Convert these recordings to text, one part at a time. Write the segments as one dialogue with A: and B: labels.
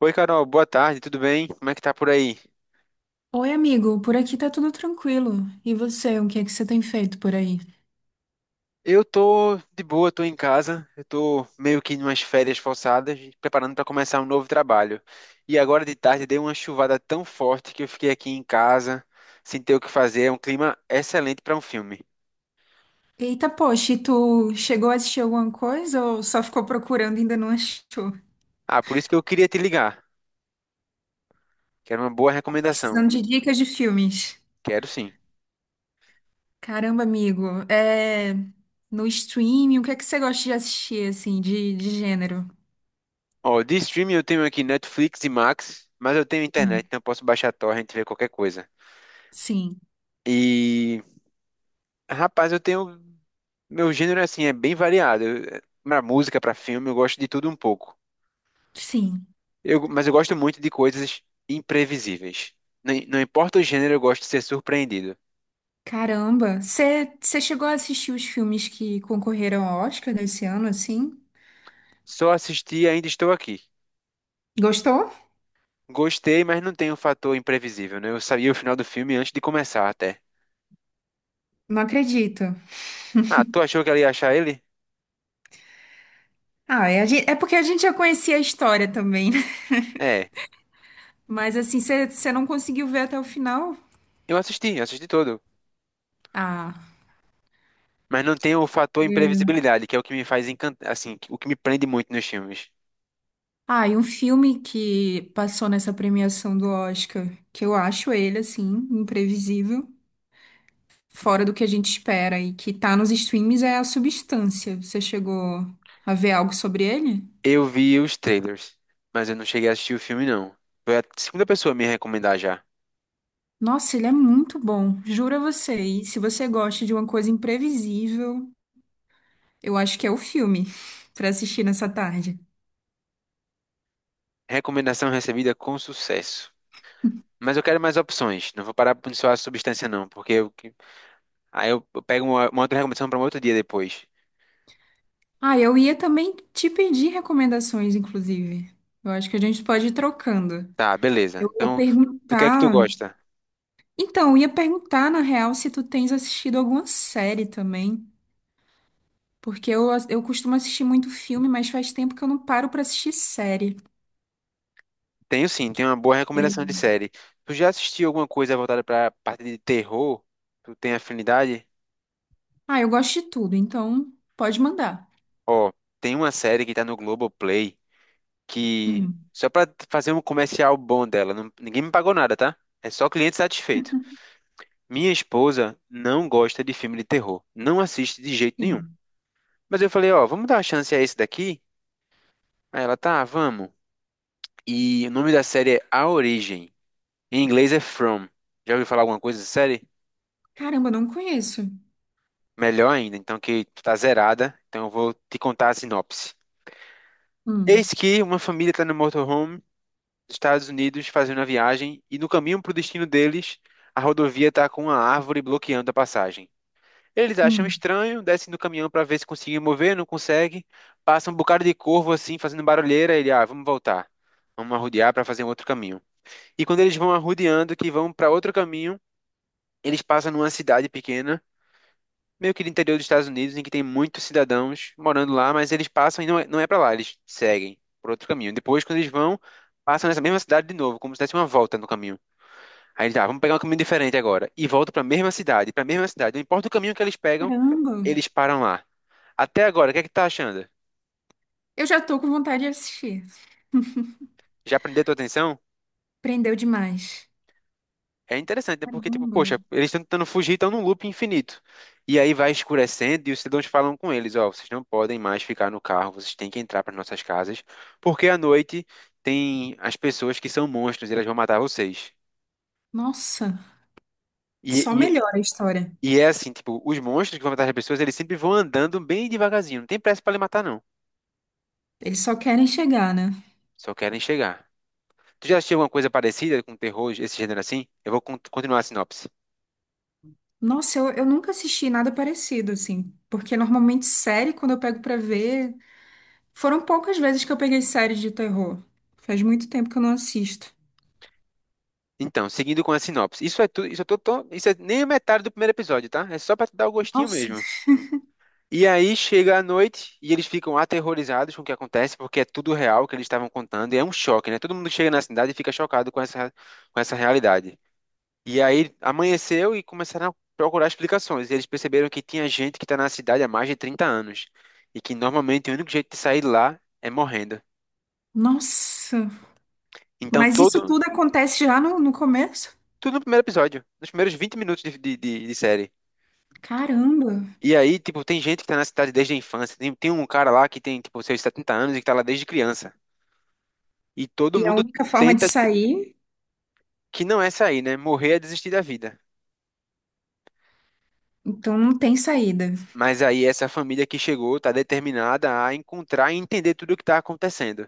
A: Oi, Carol, boa tarde, tudo bem? Como é que tá por aí?
B: Oi, amigo, por aqui tá tudo tranquilo. E você, o que é que você tem feito por aí?
A: Eu tô de boa, tô em casa, eu tô meio que em umas férias forçadas, preparando para começar um novo trabalho. E agora de tarde deu uma chuvada tão forte que eu fiquei aqui em casa, sem ter o que fazer, é um clima excelente para um filme.
B: Eita, poxa, e tu chegou a assistir alguma coisa ou só ficou procurando e ainda não achou?
A: Ah, por isso que eu queria te ligar. Quero uma boa recomendação.
B: Precisando de dicas de filmes.
A: Quero sim.
B: Caramba, amigo, é... no streaming, o que é que você gosta de assistir, assim, de gênero?
A: Ó, de streaming eu tenho aqui Netflix e Max, mas eu tenho
B: Hum,
A: internet, então eu posso baixar a torrent e ver qualquer coisa.
B: Sim,
A: E, rapaz, eu tenho meu gênero, assim, é bem variado. Pra música, pra filme, eu gosto de tudo um pouco.
B: sim.
A: Mas eu gosto muito de coisas imprevisíveis. Não, não importa o gênero, eu gosto de ser surpreendido.
B: Caramba, você chegou a assistir os filmes que concorreram ao Oscar desse ano, assim?
A: Só assisti e ainda estou aqui.
B: Gostou?
A: Gostei, mas não tem o fator imprevisível, né? Eu sabia o final do filme antes de começar até.
B: Não acredito.
A: Ah, tu achou que ela ia achar ele?
B: Ah, é, é porque a gente já conhecia a história também, né?
A: É,
B: Mas assim, você não conseguiu ver até o final?
A: eu assisti todo.
B: Ah.
A: Mas não tem o fator
B: É.
A: imprevisibilidade, que é o que me faz encantar, assim, o que me prende muito nos filmes.
B: Ah, e um filme que passou nessa premiação do Oscar, que eu acho ele, assim, imprevisível, fora do que a gente espera e que tá nos streams é A Substância. Você chegou a ver algo sobre ele?
A: Eu vi os trailers, mas eu não cheguei a assistir o filme, não. Foi a segunda pessoa a me recomendar já.
B: Nossa, ele é muito bom, juro a você. E se você gosta de uma coisa imprevisível, eu acho que é o filme pra assistir nessa tarde.
A: Recomendação recebida com sucesso. Mas eu quero mais opções. Não vou parar por só a substância, não, aí eu pego uma outra recomendação para um outro dia depois.
B: Ah, eu ia também te pedir recomendações, inclusive. Eu acho que a gente pode ir trocando.
A: Tá, beleza.
B: Eu ia
A: Então, do que é que tu
B: perguntar.
A: gosta?
B: Então, eu ia perguntar, na real, se tu tens assistido alguma série também. Porque eu costumo assistir muito filme, mas faz tempo que eu não paro pra assistir série.
A: Tenho sim, tenho uma boa
B: Eu...
A: recomendação de série. Tu já assistiu alguma coisa voltada para a parte de terror? Tu tem afinidade?
B: Ah, eu gosto de tudo, então pode mandar.
A: Ó, tem uma série que tá no Globoplay, que
B: Hum,
A: só pra fazer um comercial bom dela, ninguém me pagou nada, tá? É só cliente satisfeito. Minha esposa não gosta de filme de terror, não assiste de jeito nenhum.
B: sim.
A: Mas eu falei, ó, vamos dar uma chance a esse daqui? Aí ela, tá, vamos. E o nome da série é A Origem. Em inglês é From. Já ouviu falar alguma coisa da série?
B: Caramba, não conheço.
A: Melhor ainda, então, que tu tá zerada, então eu vou te contar a sinopse.
B: Hum,
A: Eis que uma família está no motorhome dos Estados Unidos fazendo a viagem e no caminho para o destino deles, a rodovia está com uma árvore bloqueando a passagem. Eles acham
B: hum.
A: estranho, descem do caminhão para ver se conseguem mover, não consegue. Passa um bocado de corvo assim, fazendo barulheira. Ele, ah, vamos voltar. Vamos arrodear para fazer um outro caminho. E quando eles vão arrodeando, que vão para outro caminho, eles passam numa cidade pequena, meio que do interior dos Estados Unidos, em que tem muitos cidadãos morando lá, mas eles passam e não é para lá, eles seguem por outro caminho. Depois, quando eles vão, passam nessa mesma cidade de novo, como se desse uma volta no caminho. Aí ele, tá, vamos pegar um caminho diferente agora. E volta pra mesma cidade, pra mesma cidade. Não importa o caminho que eles pegam,
B: Caramba.
A: eles param lá. Até agora, o que é que tá achando?
B: Eu já tô com vontade de assistir.
A: Já prendeu tua atenção?
B: Prendeu demais.
A: É interessante, né? Porque, tipo,
B: Caramba.
A: poxa, eles estão tentando fugir, estão num loop infinito. E aí vai escurecendo e os cidadãos falam com eles, ó, vocês não podem mais ficar no carro, vocês têm que entrar para nossas casas, porque à noite tem as pessoas que são monstros e elas vão matar vocês.
B: Nossa. Só
A: E, e,
B: melhora a história.
A: e é assim, tipo, os monstros que vão matar as pessoas, eles sempre vão andando bem devagarzinho, não tem pressa para lhe matar, não.
B: Eles só querem chegar, né?
A: Só querem chegar. Tu já assistiu alguma coisa parecida com terror, esse gênero assim? Eu vou continuar a sinopse.
B: Nossa, eu nunca assisti nada parecido, assim. Porque normalmente série, quando eu pego pra ver. Foram poucas vezes que eu peguei séries de terror. Faz muito tempo que eu não assisto.
A: Então, seguindo com a sinopse. Isso é nem a metade do primeiro episódio, tá? É só pra te dar o gostinho
B: Nossa,
A: mesmo. E aí chega a noite e eles ficam aterrorizados com o que acontece, porque é tudo real que eles estavam contando, e é um choque, né? Todo mundo chega na cidade e fica chocado com essa, realidade. E aí amanheceu e começaram a procurar explicações. E eles perceberam que tinha gente que tá na cidade há mais de 30 anos, e que normalmente o único jeito de sair de lá é morrendo.
B: nossa.
A: Então
B: Mas isso
A: todo
B: tudo acontece já no começo?
A: Tudo no primeiro episódio, nos primeiros 20 minutos de série.
B: Caramba.
A: E aí, tipo, tem gente que tá na cidade desde a infância. Tem um cara lá que tem, tipo, seus 70 anos e que tá lá desde criança. E todo
B: E é a
A: mundo
B: única forma de
A: tenta,
B: sair,
A: que não é sair, né? Morrer é desistir da vida.
B: então não tem saída.
A: Mas aí essa família que chegou tá determinada a encontrar e entender tudo o que tá acontecendo.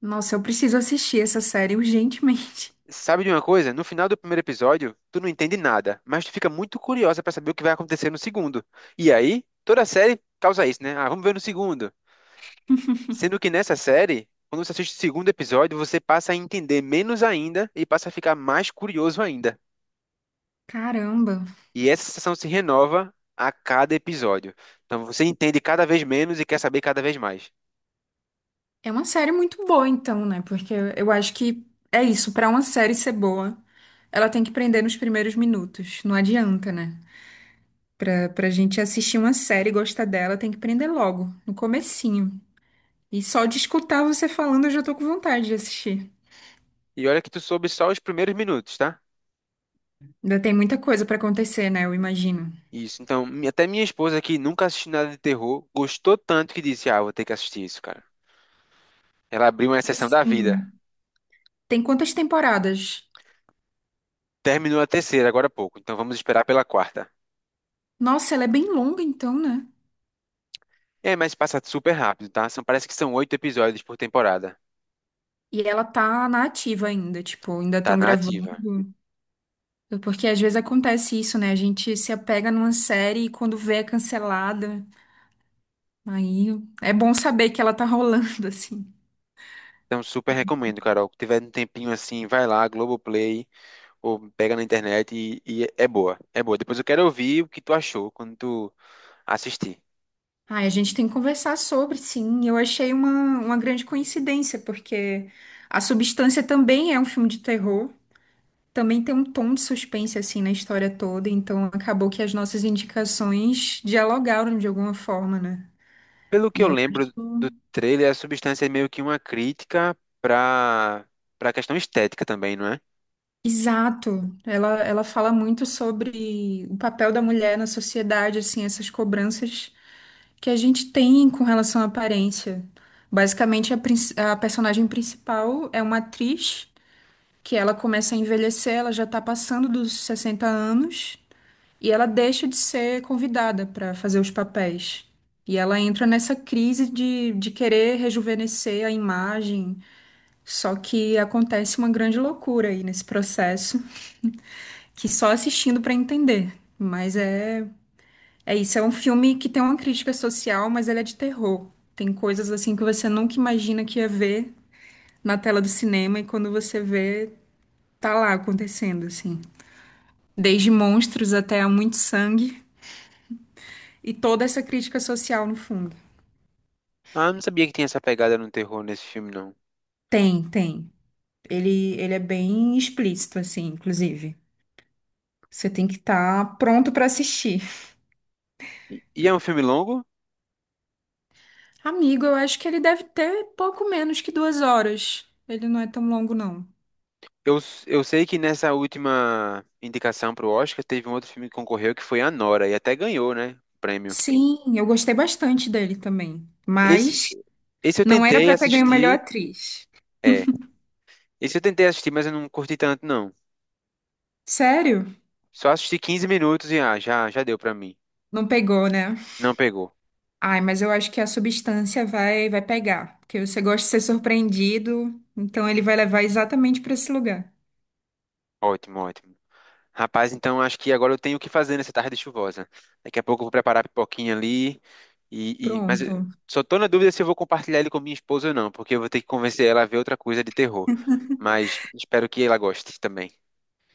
B: Nossa, eu preciso assistir essa série urgentemente.
A: Sabe de uma coisa? No final do primeiro episódio, tu não entende nada, mas tu fica muito curiosa pra saber o que vai acontecer no segundo. E aí, toda a série causa isso, né? Ah, vamos ver no segundo. Sendo que nessa série, quando você assiste o segundo episódio, você passa a entender menos ainda e passa a ficar mais curioso ainda.
B: Caramba.
A: E essa sensação se renova a cada episódio. Então você entende cada vez menos e quer saber cada vez mais.
B: É uma série muito boa, então, né? Porque eu acho que é isso, pra uma série ser boa, ela tem que prender nos primeiros minutos. Não adianta, né? Pra gente assistir uma série e gostar dela, tem que prender logo, no comecinho. E só de escutar você falando, eu já tô com vontade de assistir.
A: E olha que tu soube só os primeiros minutos, tá?
B: Ainda tem muita coisa pra acontecer, né? Eu imagino.
A: Isso. Então, até minha esposa, que nunca assistiu nada de terror, gostou tanto que disse: Ah, vou ter que assistir isso, cara. Ela abriu uma
B: E
A: exceção da vida.
B: assim, tem quantas temporadas?
A: Terminou a terceira agora há pouco, então vamos esperar pela quarta.
B: Nossa, ela é bem longa, então, né?
A: É, mas passa super rápido, tá? São, parece que são 8 episódios por temporada.
B: E ela tá na ativa ainda, tipo, ainda
A: Tá
B: estão
A: na
B: gravando.
A: ativa.
B: Porque às vezes acontece isso, né? A gente se apega numa série e quando vê é cancelada. Aí é bom saber que ela tá rolando, assim.
A: Então, super recomendo, Carol. Se tiver um tempinho assim, vai lá, Globoplay, ou pega na internet e é boa. É boa. Depois eu quero ouvir o que tu achou quando tu assistir.
B: Ah, a gente tem que conversar sobre, sim. Eu achei uma grande coincidência, porque A Substância também é um filme de terror. Também tem um tom de suspense, assim, na história toda. Então acabou que as nossas indicações dialogaram de alguma forma, né?
A: Pelo que
B: E
A: eu
B: eu
A: lembro
B: acho.
A: do trailer, a substância é meio que uma crítica pra, pra, questão estética também, não é?
B: Exato. Ela fala muito sobre o papel da mulher na sociedade, assim, essas cobranças que a gente tem com relação à aparência. Basicamente, a personagem principal é uma atriz que ela começa a envelhecer, ela já está passando dos 60 anos e ela deixa de ser convidada para fazer os papéis. E ela entra nessa crise de querer rejuvenescer a imagem, só que acontece uma grande loucura aí nesse processo que só assistindo pra entender. Mas é, é isso, é um filme que tem uma crítica social, mas ele é de terror. Tem coisas assim que você nunca imagina que ia ver na tela do cinema e quando você vê, tá lá acontecendo assim. Desde monstros até muito sangue e toda essa crítica social no fundo.
A: Ah, eu não sabia que tinha essa pegada no terror nesse filme, não.
B: Tem, tem. Ele é bem explícito assim, inclusive. Você tem que estar pronto pra assistir.
A: É um filme longo?
B: Amigo, eu acho que ele deve ter pouco menos que 2 horas. Ele não é tão longo, não.
A: Eu sei que nessa última indicação pro Oscar teve um outro filme que concorreu que foi Anora, e até ganhou, né? O prêmio.
B: Sim, eu gostei bastante dele também.
A: Esse,
B: Mas
A: esse eu
B: não era
A: tentei
B: pra ter ganho melhor
A: assistir.
B: atriz.
A: É, esse eu tentei assistir, mas eu não curti tanto, não.
B: Sério?
A: Só assisti 15 minutos e ah, já, já deu pra mim.
B: Não pegou, né?
A: Não pegou.
B: Ai, mas eu acho que a substância vai pegar, porque você gosta de ser surpreendido, então ele vai levar exatamente pra esse lugar.
A: Ótimo, ótimo. Rapaz, então acho que agora eu tenho o que fazer nessa tarde chuvosa. Daqui a pouco eu vou preparar a pipoquinha ali. Mas eu
B: Pronto.
A: só tô na dúvida se eu vou compartilhar ele com minha esposa ou não, porque eu vou ter que convencer ela a ver outra coisa de terror. Mas espero que ela goste também.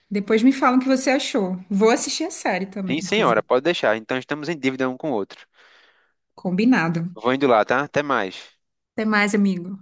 B: Depois me falam o que você achou. Vou assistir a série também,
A: Sim, senhora,
B: inclusive.
A: pode deixar. Então estamos em dívida um com o outro.
B: Combinado.
A: Vou indo lá, tá? Até mais.
B: Até mais, amigo.